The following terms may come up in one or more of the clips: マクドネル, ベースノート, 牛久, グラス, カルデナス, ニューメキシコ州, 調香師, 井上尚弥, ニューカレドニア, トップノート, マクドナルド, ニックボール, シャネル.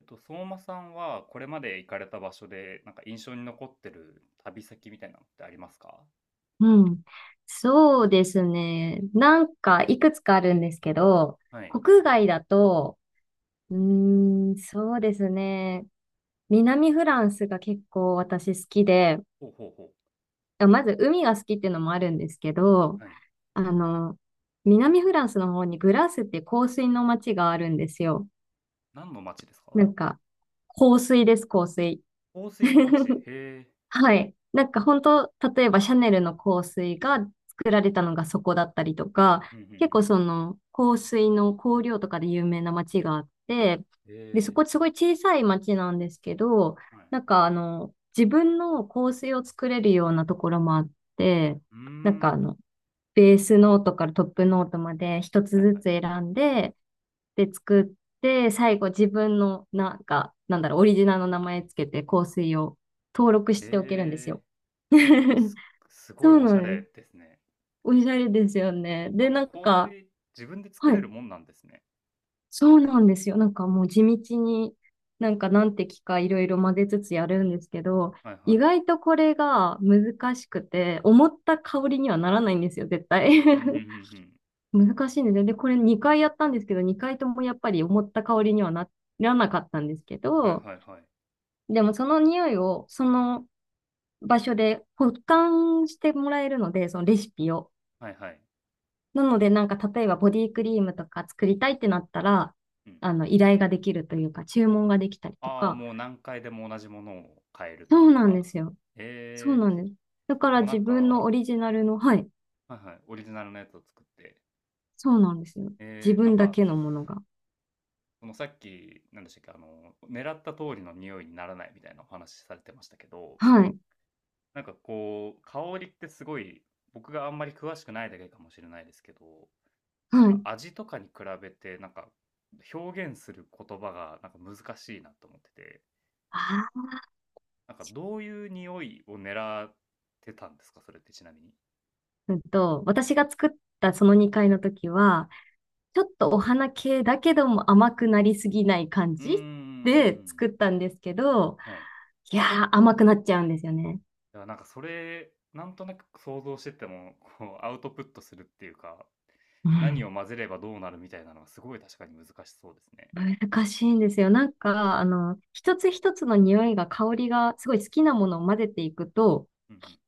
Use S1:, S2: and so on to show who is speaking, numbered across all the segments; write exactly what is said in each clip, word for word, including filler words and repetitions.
S1: えっと、相馬さんはこれまで行かれた場所で、なんか印象に残ってる旅先みたいなのってありますか？
S2: うん。そうですね。なんか、いくつかあるんですけど、
S1: はい。
S2: 国外だと、うーん、そうですね。南フランスが結構私好きで、
S1: ほうほうほ
S2: あまず海が好きっていうのもあるんですけど、
S1: う。はい。
S2: あの、南フランスの方にグラスって香水の街があるんですよ。
S1: 何の町ですか？
S2: なんか、香水です、香水。
S1: 香水の町。へ え。
S2: はい。なんか本当、例えばシャネルの香水が作られたのがそこだったりとか、
S1: うんうんう
S2: 結
S1: ん。
S2: 構その香水の香料とかで有名な街があって、
S1: へ
S2: で、そ
S1: え。
S2: こすごい小さい街なんですけど、
S1: はい。
S2: なんかあの、自分の香水を作れるようなところもあって、
S1: うー
S2: なんかあ
S1: ん。
S2: の、ベースノートからトップノートまで一つ
S1: はい
S2: ず
S1: は
S2: つ
S1: い。
S2: 選んで、で作って、最後自分の、なんか、なんだろう、オリジナルの名前つけて香水を登録しておけるんです
S1: へえ。
S2: よ。
S1: す、え す、すご
S2: そ
S1: い
S2: う
S1: おし
S2: な
S1: ゃ
S2: ん
S1: れ
S2: です。
S1: ですね。
S2: おしゃれですよね。
S1: しか
S2: で、な
S1: も
S2: ん
S1: 香
S2: か、
S1: 水、自分で作
S2: は
S1: れる
S2: い、
S1: もんなんですね。
S2: そうなんですよ。なんかもう地道に、なんか何滴かいろいろ混ぜつつやるんですけど、
S1: はいは
S2: 意
S1: い。
S2: 外とこれが難しくて、思った香りにはならないんですよ、絶対。
S1: うんうんう ん
S2: 難しいんですよ。で、これにかいやったんですけど、にかいともやっぱり思った香りにはならなかったんですけ
S1: うん。はい
S2: ど、
S1: はいはい。
S2: でもその匂いをその場所で保管してもらえるので、そのレシピを。
S1: はいはい。
S2: なのでなんか例えばボディクリームとか作りたいってなったら、あの依頼ができるというか注文ができたりと
S1: ああ、
S2: か。
S1: もう何回でも同じものを買える
S2: そ
S1: とい
S2: う
S1: う
S2: なんで
S1: か。
S2: すよ。そう
S1: え
S2: な
S1: え、
S2: んです。だか
S1: で
S2: ら
S1: もなん
S2: 自
S1: か
S2: 分
S1: は
S2: のオリジナルの、はい。
S1: いはい、オリジナルのやつを作って。
S2: そうなんですよ。自
S1: ええ、なん
S2: 分だ
S1: か、
S2: けのものが。
S1: そのさっき、何でしたっけ、あの、狙った通りの匂いにならないみたいなお話されてましたけど、
S2: はい。
S1: なんかこう、香りってすごい、僕があんまり詳しくないだけかもしれないですけど、なん
S2: は
S1: か
S2: い。
S1: 味とかに比べて、なんか、表現する言葉がなんか難しいなと思ってて、
S2: あ
S1: なんかどういう匂いを狙ってたんですか？それってちなみに。
S2: ーうんと、私が作ったそのにかいの時は、ちょっとお花系だけども甘くなりすぎない感
S1: うー
S2: じ
S1: ん、
S2: で作ったんですけど、
S1: はい。
S2: いやー甘くなっちゃうんですよね。
S1: だからなんかそれ、なんとなく想像してても、こうアウトプットするっていうか、
S2: う
S1: 何
S2: ん。
S1: を混ぜればどうなるみたいなのはすごい確かに難しそうですね。
S2: 難しいんですよ。なんか、あの、一つ一つの匂いが、香りが、すごい好きなものを混ぜていくと、
S1: うん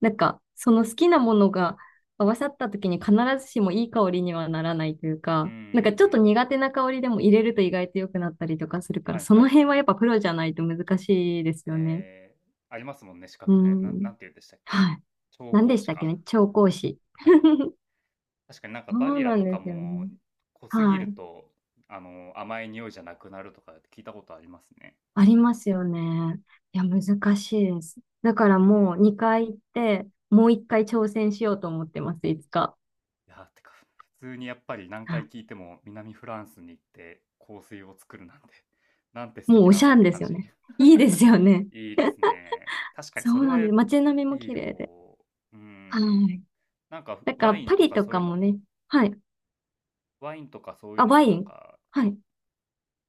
S2: なんか、その好きなものが合わさった時に必ずしもいい香りにはならないという
S1: うん。う
S2: か、
S1: んうんう
S2: なんかちょっ
S1: ん。
S2: と苦手な香りでも入れると意外と良くなったりとかするから、
S1: はい
S2: そ
S1: は
S2: の
S1: いは
S2: 辺
S1: い。
S2: はやっぱプロじゃないと難しいですよね。
S1: えーありますもんね、資
S2: う
S1: 格ね。ななん
S2: ん。
S1: て言うんでしたっけ。
S2: はい。
S1: 調
S2: 何
S1: 香
S2: でし
S1: 師
S2: たっけ
S1: か。
S2: ね調香師。
S1: はい。確かになんか
S2: そ
S1: バ
S2: う
S1: ニラ
S2: な
S1: と
S2: ん
S1: か
S2: ですよ
S1: も
S2: ね。
S1: 濃すぎ
S2: は
S1: る
S2: い。
S1: と、あの、甘い匂いじゃなくなるとか聞いたことありますね。
S2: ありますよね。いや、難しいです。だから
S1: え
S2: もう
S1: ー
S2: にかい行って、もういっかい挑戦しようと思ってます、いつか。
S1: いや、てか、普通にやっぱり何
S2: はい。
S1: 回聞いても南フランスに行って香水を作るなんて、なんて素
S2: もう
S1: 敵
S2: お
S1: な
S2: し
S1: んだ
S2: ゃ
S1: っ
S2: ん
S1: て
S2: で
S1: 感
S2: すよ
S1: じ。
S2: ね。いいですよね。
S1: いいですね。確かに
S2: そ
S1: それ
S2: うな
S1: は
S2: ん
S1: い
S2: です。街並みも
S1: い
S2: 綺
S1: 旅
S2: 麗で。
S1: 行。うんう
S2: は
S1: ん。
S2: い。
S1: なんか
S2: だから
S1: ワイン
S2: パ
S1: と
S2: リ
S1: か
S2: と
S1: そうい
S2: か
S1: うの
S2: もね。
S1: も、
S2: はい。
S1: ワインとかそういう
S2: あ、
S1: の
S2: ワ
S1: もな
S2: イ
S1: ん
S2: ン。
S1: か、
S2: は
S1: ね、
S2: い。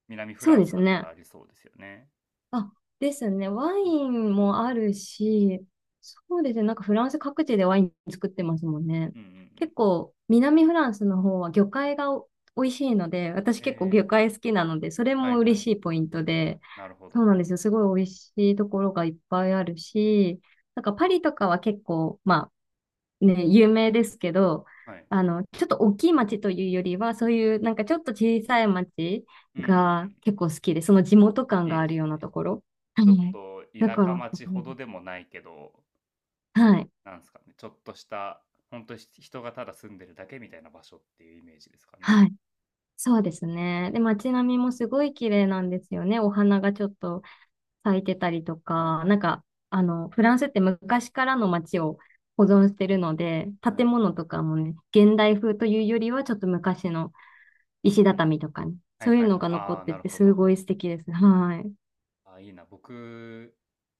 S1: 南フ
S2: そ
S1: ラ
S2: う
S1: ン
S2: で
S1: ス
S2: す
S1: だったら
S2: ね。
S1: ありそうですよね。
S2: あ、ですね。ワ
S1: うん。
S2: インもあるし、そうですね。なんかフランス各地でワイン作ってますもんね。
S1: うんうんうん。
S2: 結構、南フランスの方は魚介がお美味しいので、私結構
S1: え
S2: 魚介好きなので、それ
S1: ー、は
S2: も
S1: いは
S2: 嬉
S1: い。
S2: しいポイントで、
S1: なるほ
S2: そ
S1: ど。
S2: うなんですよ。すごい美味しいところがいっぱいあるし、なんかパリとかは結構、まね、有名ですけど、
S1: はい。
S2: あの、ちょっと大きい町というよりは、そういうなんかちょっと小さい町
S1: うんうんう
S2: が
S1: ん。
S2: 結構好きで、その地元感
S1: いい
S2: が
S1: で
S2: ある
S1: す
S2: ような
S1: ね。
S2: ところ。は
S1: ちょっ
S2: い。
S1: と
S2: だ
S1: 田
S2: か
S1: 舎
S2: ら、す
S1: 町
S2: ごい
S1: ほ
S2: で
S1: ど
S2: す。
S1: でもないけど、
S2: はい。
S1: なんですかね、ちょっとした、本当に人がただ住んでるだけみたいな場所っていうイメージですかね。
S2: はい。そうですね。で、街並みもすごい綺麗なんですよね。お花がちょっと咲いてたりと
S1: はい
S2: か、
S1: は
S2: なん
S1: い。
S2: か、あの、フランスって昔からの街を保存してるので、
S1: は
S2: 建
S1: い。
S2: 物とかもね、現代風というよりは、ちょっと昔の
S1: うんう
S2: 石
S1: ん。
S2: 畳とかね。
S1: はい
S2: そうい
S1: は
S2: う
S1: い
S2: の
S1: はい。
S2: が残
S1: あ
S2: っ
S1: あ、
S2: て
S1: なる
S2: て、
S1: ほ
S2: す
S1: ど。
S2: ごい素敵です。はい。
S1: ああ、いいな。僕、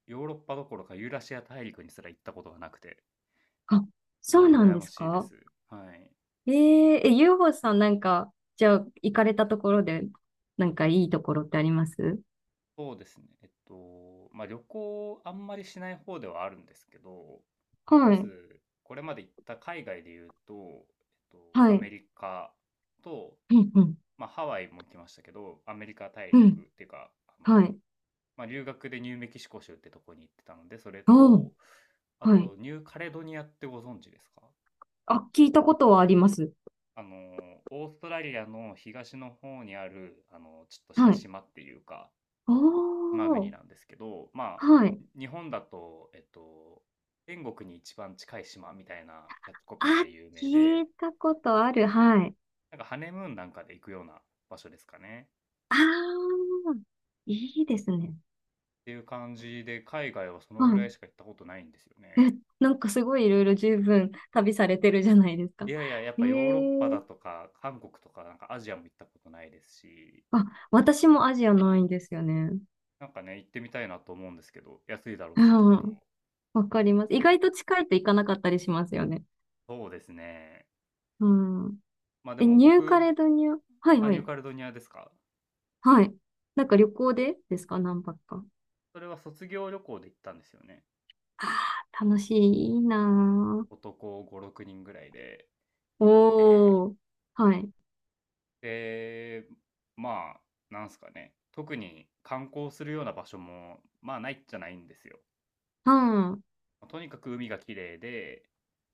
S1: ヨーロッパどころかユーラシア大陸にすら行ったことがなくて、
S2: あ、
S1: す
S2: そ
S1: ごい
S2: うなん
S1: 羨
S2: で
S1: ま
S2: す
S1: しいで
S2: か？
S1: す。はい。
S2: えー、え、ゆうほさんなんか、じゃあ、行かれたところで、なんかいいところってあります？
S1: そうですね。えっと、まあ、旅行あんまりしない方ではあるんですけど、ま
S2: はい。
S1: ず、これまで行った海外で言うと、えっと、
S2: は
S1: ア
S2: い。
S1: メリカと、
S2: うん、うん、
S1: まあ、ハワイも来ましたけど、アメリカ大
S2: う
S1: 陸
S2: ん。
S1: っていうか、あの、
S2: はい。
S1: まあ、留学でニューメキシコ州ってとこに行ってたので、それ
S2: おー、
S1: と、あ
S2: はい。
S1: と、ニューカレドニアってご存知ですか？
S2: あ、聞いたことはあります。
S1: あの、オーストラリアの東の方にある、あの、ちょっとした
S2: はい。
S1: 島っていうか、
S2: お
S1: 島国
S2: ー、
S1: なんですけど、まあ、
S2: はい。
S1: 日本だと、えっと、天国に一番近い島みたいなキャッチコピー
S2: あ、
S1: で有名
S2: 聞
S1: で、
S2: いたことある。はい。
S1: なんかハネムーンなんかで行くような場所ですかね。
S2: あー、いいですね。
S1: っていう感じで、海外はその
S2: は
S1: ぐら
S2: い。
S1: いしか行ったことないんですよね。
S2: なんかすごいいろいろ十分旅されてるじゃないですか。
S1: いやいや、やっ
S2: え
S1: ぱヨーロッパだと
S2: え、
S1: か、韓国とか、なんかアジアも行ったことないですし、
S2: あ、私もアジアないんですよね。
S1: なんかね、行ってみたいなと思うんですけど、安いだろうし、きっ
S2: う
S1: と。
S2: ん。わかります。意外と近いと行かなかったりしますよね。
S1: そうですね。
S2: うん。
S1: まあで
S2: え、
S1: も
S2: ニューカ
S1: 僕、
S2: レドニア。はい
S1: あ、
S2: は
S1: ニュー
S2: い。
S1: カレドニアですか？
S2: はい。なんか旅行でですか？何泊か。
S1: それは卒業旅行で行ったんですよね。
S2: ああ、楽しい。いいな
S1: 男ご、ろくにんぐらいで
S2: ー。
S1: 行って、
S2: おー。はい。
S1: で、まあ、なんすかね。特に観光するような場所も、まあないっちゃないんですよ。
S2: うん。う
S1: まとにかく海が綺麗で、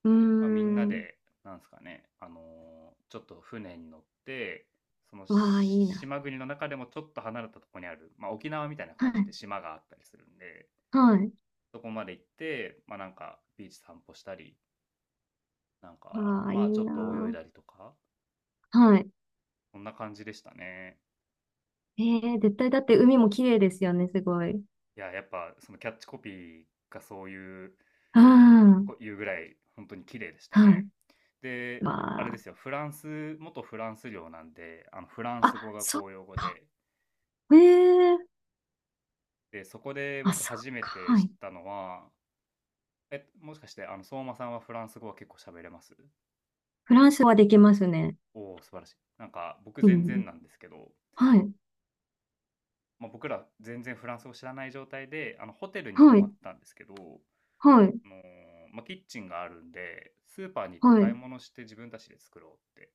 S2: ー
S1: まあ、みんな
S2: ん。
S1: で、なんですかね、あの、ちょっと船に乗って、その、
S2: わあ、いいな。
S1: 島国の中でもちょっと離れたところにある、まあ、沖縄みたいな
S2: は
S1: 感じ
S2: い。
S1: で島があったりするんで、
S2: はい。
S1: そこまで行って、まあ、なんかビーチ散歩したり、なんか、
S2: わあ、い
S1: ま
S2: い
S1: あ、ちょっと泳い
S2: な
S1: だりとか、
S2: ー。はい。
S1: そんな感じでしたね。
S2: えー、絶対だって海も綺麗ですよね、すごい。
S1: いや、やっぱそのキャッチコピーがそういう
S2: うん。
S1: いうぐらい本当に綺麗でした
S2: は
S1: ね。
S2: い。
S1: で、あれで
S2: ま
S1: すよ、フランス、元フランス領なんで、あのフラン
S2: あ、
S1: ス語
S2: あ、
S1: が
S2: そっ
S1: 公用語
S2: か。
S1: で、
S2: ええ、
S1: で、そこで
S2: あ、
S1: 僕
S2: そっ
S1: 初め
S2: か。
S1: て
S2: は
S1: 知っ
S2: い。
S1: たのは、え、もしかしてあの相馬さんはフランス語は結構喋れます？
S2: フランスはできますね。
S1: おお、素晴らしい。なんか僕
S2: う
S1: 全
S2: ん。
S1: 然なんですけど、
S2: はい。
S1: まあ、僕ら全然フランス語知らない状態で、あのホテルに泊
S2: は
S1: まっ
S2: い。
S1: たんですけど、あ
S2: はい。
S1: のーまあ、キッチンがあるんで、スーパーに行って
S2: は
S1: 買い
S2: い。
S1: 物して自分たちで作ろうって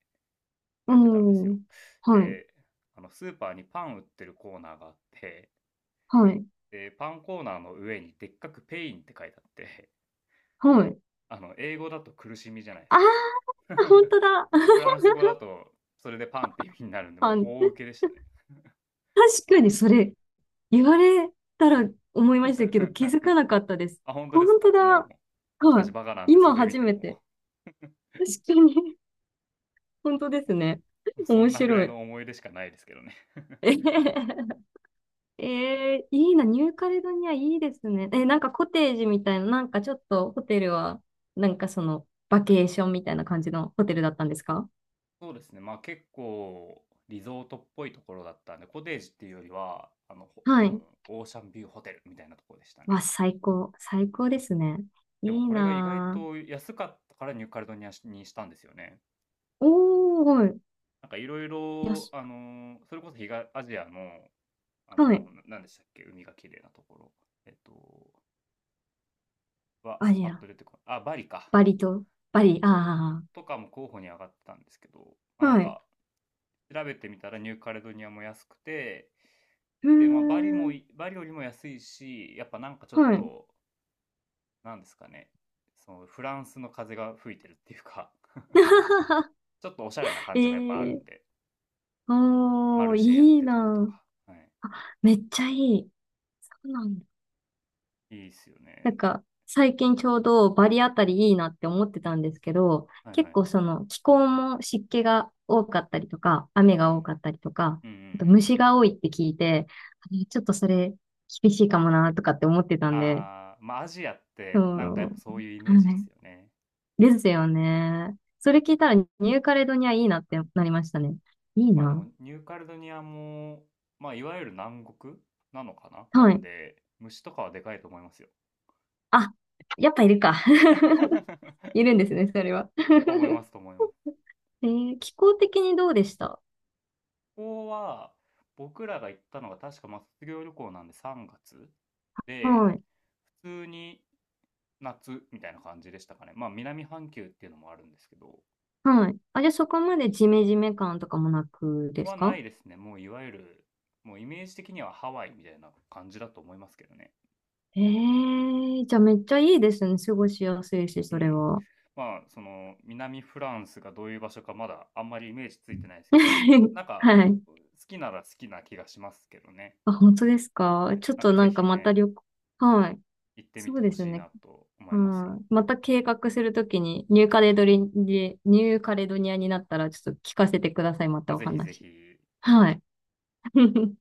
S2: う
S1: やってたんですよ。
S2: ん。はい。
S1: で、あのスーパーにパン売ってるコーナーがあって、
S2: はい。
S1: で、パンコーナーの上にでっかくペインって書いてあって、
S2: はい。
S1: あの、英語だと苦しみじゃないで
S2: あ
S1: すか。
S2: あ、本 当だ。
S1: フ ランス語だと、それでパンって意味になるんで、
S2: あ、
S1: もう大受けでしたね。
S2: 確かにそれ、言われたら思いましたけど、気づか なかったです。
S1: あ、本当
S2: 本
S1: です
S2: 当
S1: か？も
S2: だ。
S1: う、僕
S2: は
S1: たちバカなん
S2: い。
S1: でそ
S2: 今
S1: れ見
S2: 初
S1: て
S2: め
S1: も、
S2: て。確かに。本当ですね。
S1: そ
S2: 面
S1: んなぐら
S2: 白
S1: い
S2: い。
S1: の思い出しかないですけどね。
S2: えへへ、へえー、いいな、ニューカレドニアいいですね。え、なんかコテージみたいな、なんかちょっとホテルは、なんかその、バ
S1: はい
S2: ケーションみたいな感じのホテルだったんですか？
S1: そうですね。まあ結構リゾートっぽいところだったんで、コテージっていうよりは、あの、ほ
S2: は
S1: もう
S2: い。
S1: オーシャンビューホテルみたいなところでした
S2: わ、
S1: ね。
S2: 最高。最高ですね。
S1: でも
S2: いい
S1: これが意外
S2: な
S1: と安かったからニューカレドニアにしたんですよね。
S2: ぁ。おー、
S1: なんかいろい
S2: よ
S1: ろ、
S2: し。
S1: あの、それこそ東アジアの、あ
S2: はい。
S1: の、ななんでしたっけ、海が綺麗なところ。えっと、は、
S2: あ、い
S1: パッ
S2: や、
S1: と出てこない。あ、バリか。
S2: バリと、バリ、
S1: そ
S2: あ
S1: う。とかも候補に上がってたんですけど、まあ、
S2: あ、
S1: なん
S2: はい。
S1: か調べてみたらニューカレドニアも安くて、
S2: うー
S1: で、まあ、バリも
S2: ん、
S1: い、バリよりも安いし、やっぱなんかちょっ
S2: はい。
S1: と、なんですかね、そのフランスの風が吹いてるっていうか、ちょっとおしゃれな
S2: え
S1: 感じもやっぱある
S2: ー、
S1: んで、マ
S2: お
S1: ル
S2: ー、
S1: シェやっ
S2: いい
S1: てたりと
S2: なぁ。
S1: か、は
S2: めっちゃいい。そうなんだ。
S1: い。いいっすよ
S2: なん
S1: ね。
S2: か、最近ちょうどバリあたりいいなって思ってたんですけど、
S1: はいは
S2: 結
S1: い。
S2: 構その気候も湿気が多かったりとか、雨
S1: う
S2: が
S1: ん。
S2: 多かったりとか、
S1: うんうんう
S2: あと
S1: ん。
S2: 虫が多いって聞いて、あれちょっとそれ厳しいかもなとかって思ってたんで、
S1: ああまあアジアってなんかや
S2: そ
S1: っぱ
S2: う、
S1: そういうイメージ
S2: は
S1: です
S2: い。
S1: よね。
S2: ですよね。それ聞いたらニューカレドニアいいなってなりましたね。いい
S1: まあで
S2: な。
S1: もニューカレドニアも、まあいわゆる南国なのかなな
S2: は
S1: ん
S2: い。
S1: で、虫とかはでかいと思いますよ。
S2: あ、やっぱいるか。いるんですね、それは。
S1: と思いま すと思います。
S2: えー気候的にどうでした？
S1: こは、僕らが行ったのが確かまあ卒業旅行なんでさんがつで、
S2: はい。
S1: 普通に夏みたいな感じでしたかね。まあ南半球っていうのもあるんですけど、
S2: はい。あ、じゃあそこまでジメジメ感とかもなくです
S1: はな
S2: か？
S1: いですね。もういわゆる、もうイメージ的にはハワイみたいな感じだと思いますけどね。
S2: ええーじゃあめっちゃいいですね。過ごしやすいし、
S1: う
S2: それ
S1: ん。
S2: は。
S1: まあその南フランスがどういう場所かまだあんまりイメージついてないですけど、なんか
S2: はい。
S1: 好きなら好きな気がしますけどね。
S2: あ、本当ですか？
S1: はい。
S2: ちょっ
S1: なん
S2: と
S1: か
S2: な
S1: ぜ
S2: んか
S1: ひ
S2: また
S1: ね、
S2: 旅行、はい。
S1: 行ってみ
S2: そ
S1: て
S2: うで
S1: ほ
S2: す
S1: しい
S2: ね。
S1: なと思
S2: う
S1: いますよ。
S2: ん。また計画するときに、ニューカレドリ、ニューカレドニアになったら、ちょっと聞かせてください。また
S1: あ、
S2: お
S1: ぜひぜ
S2: 話。
S1: ひ。
S2: はい。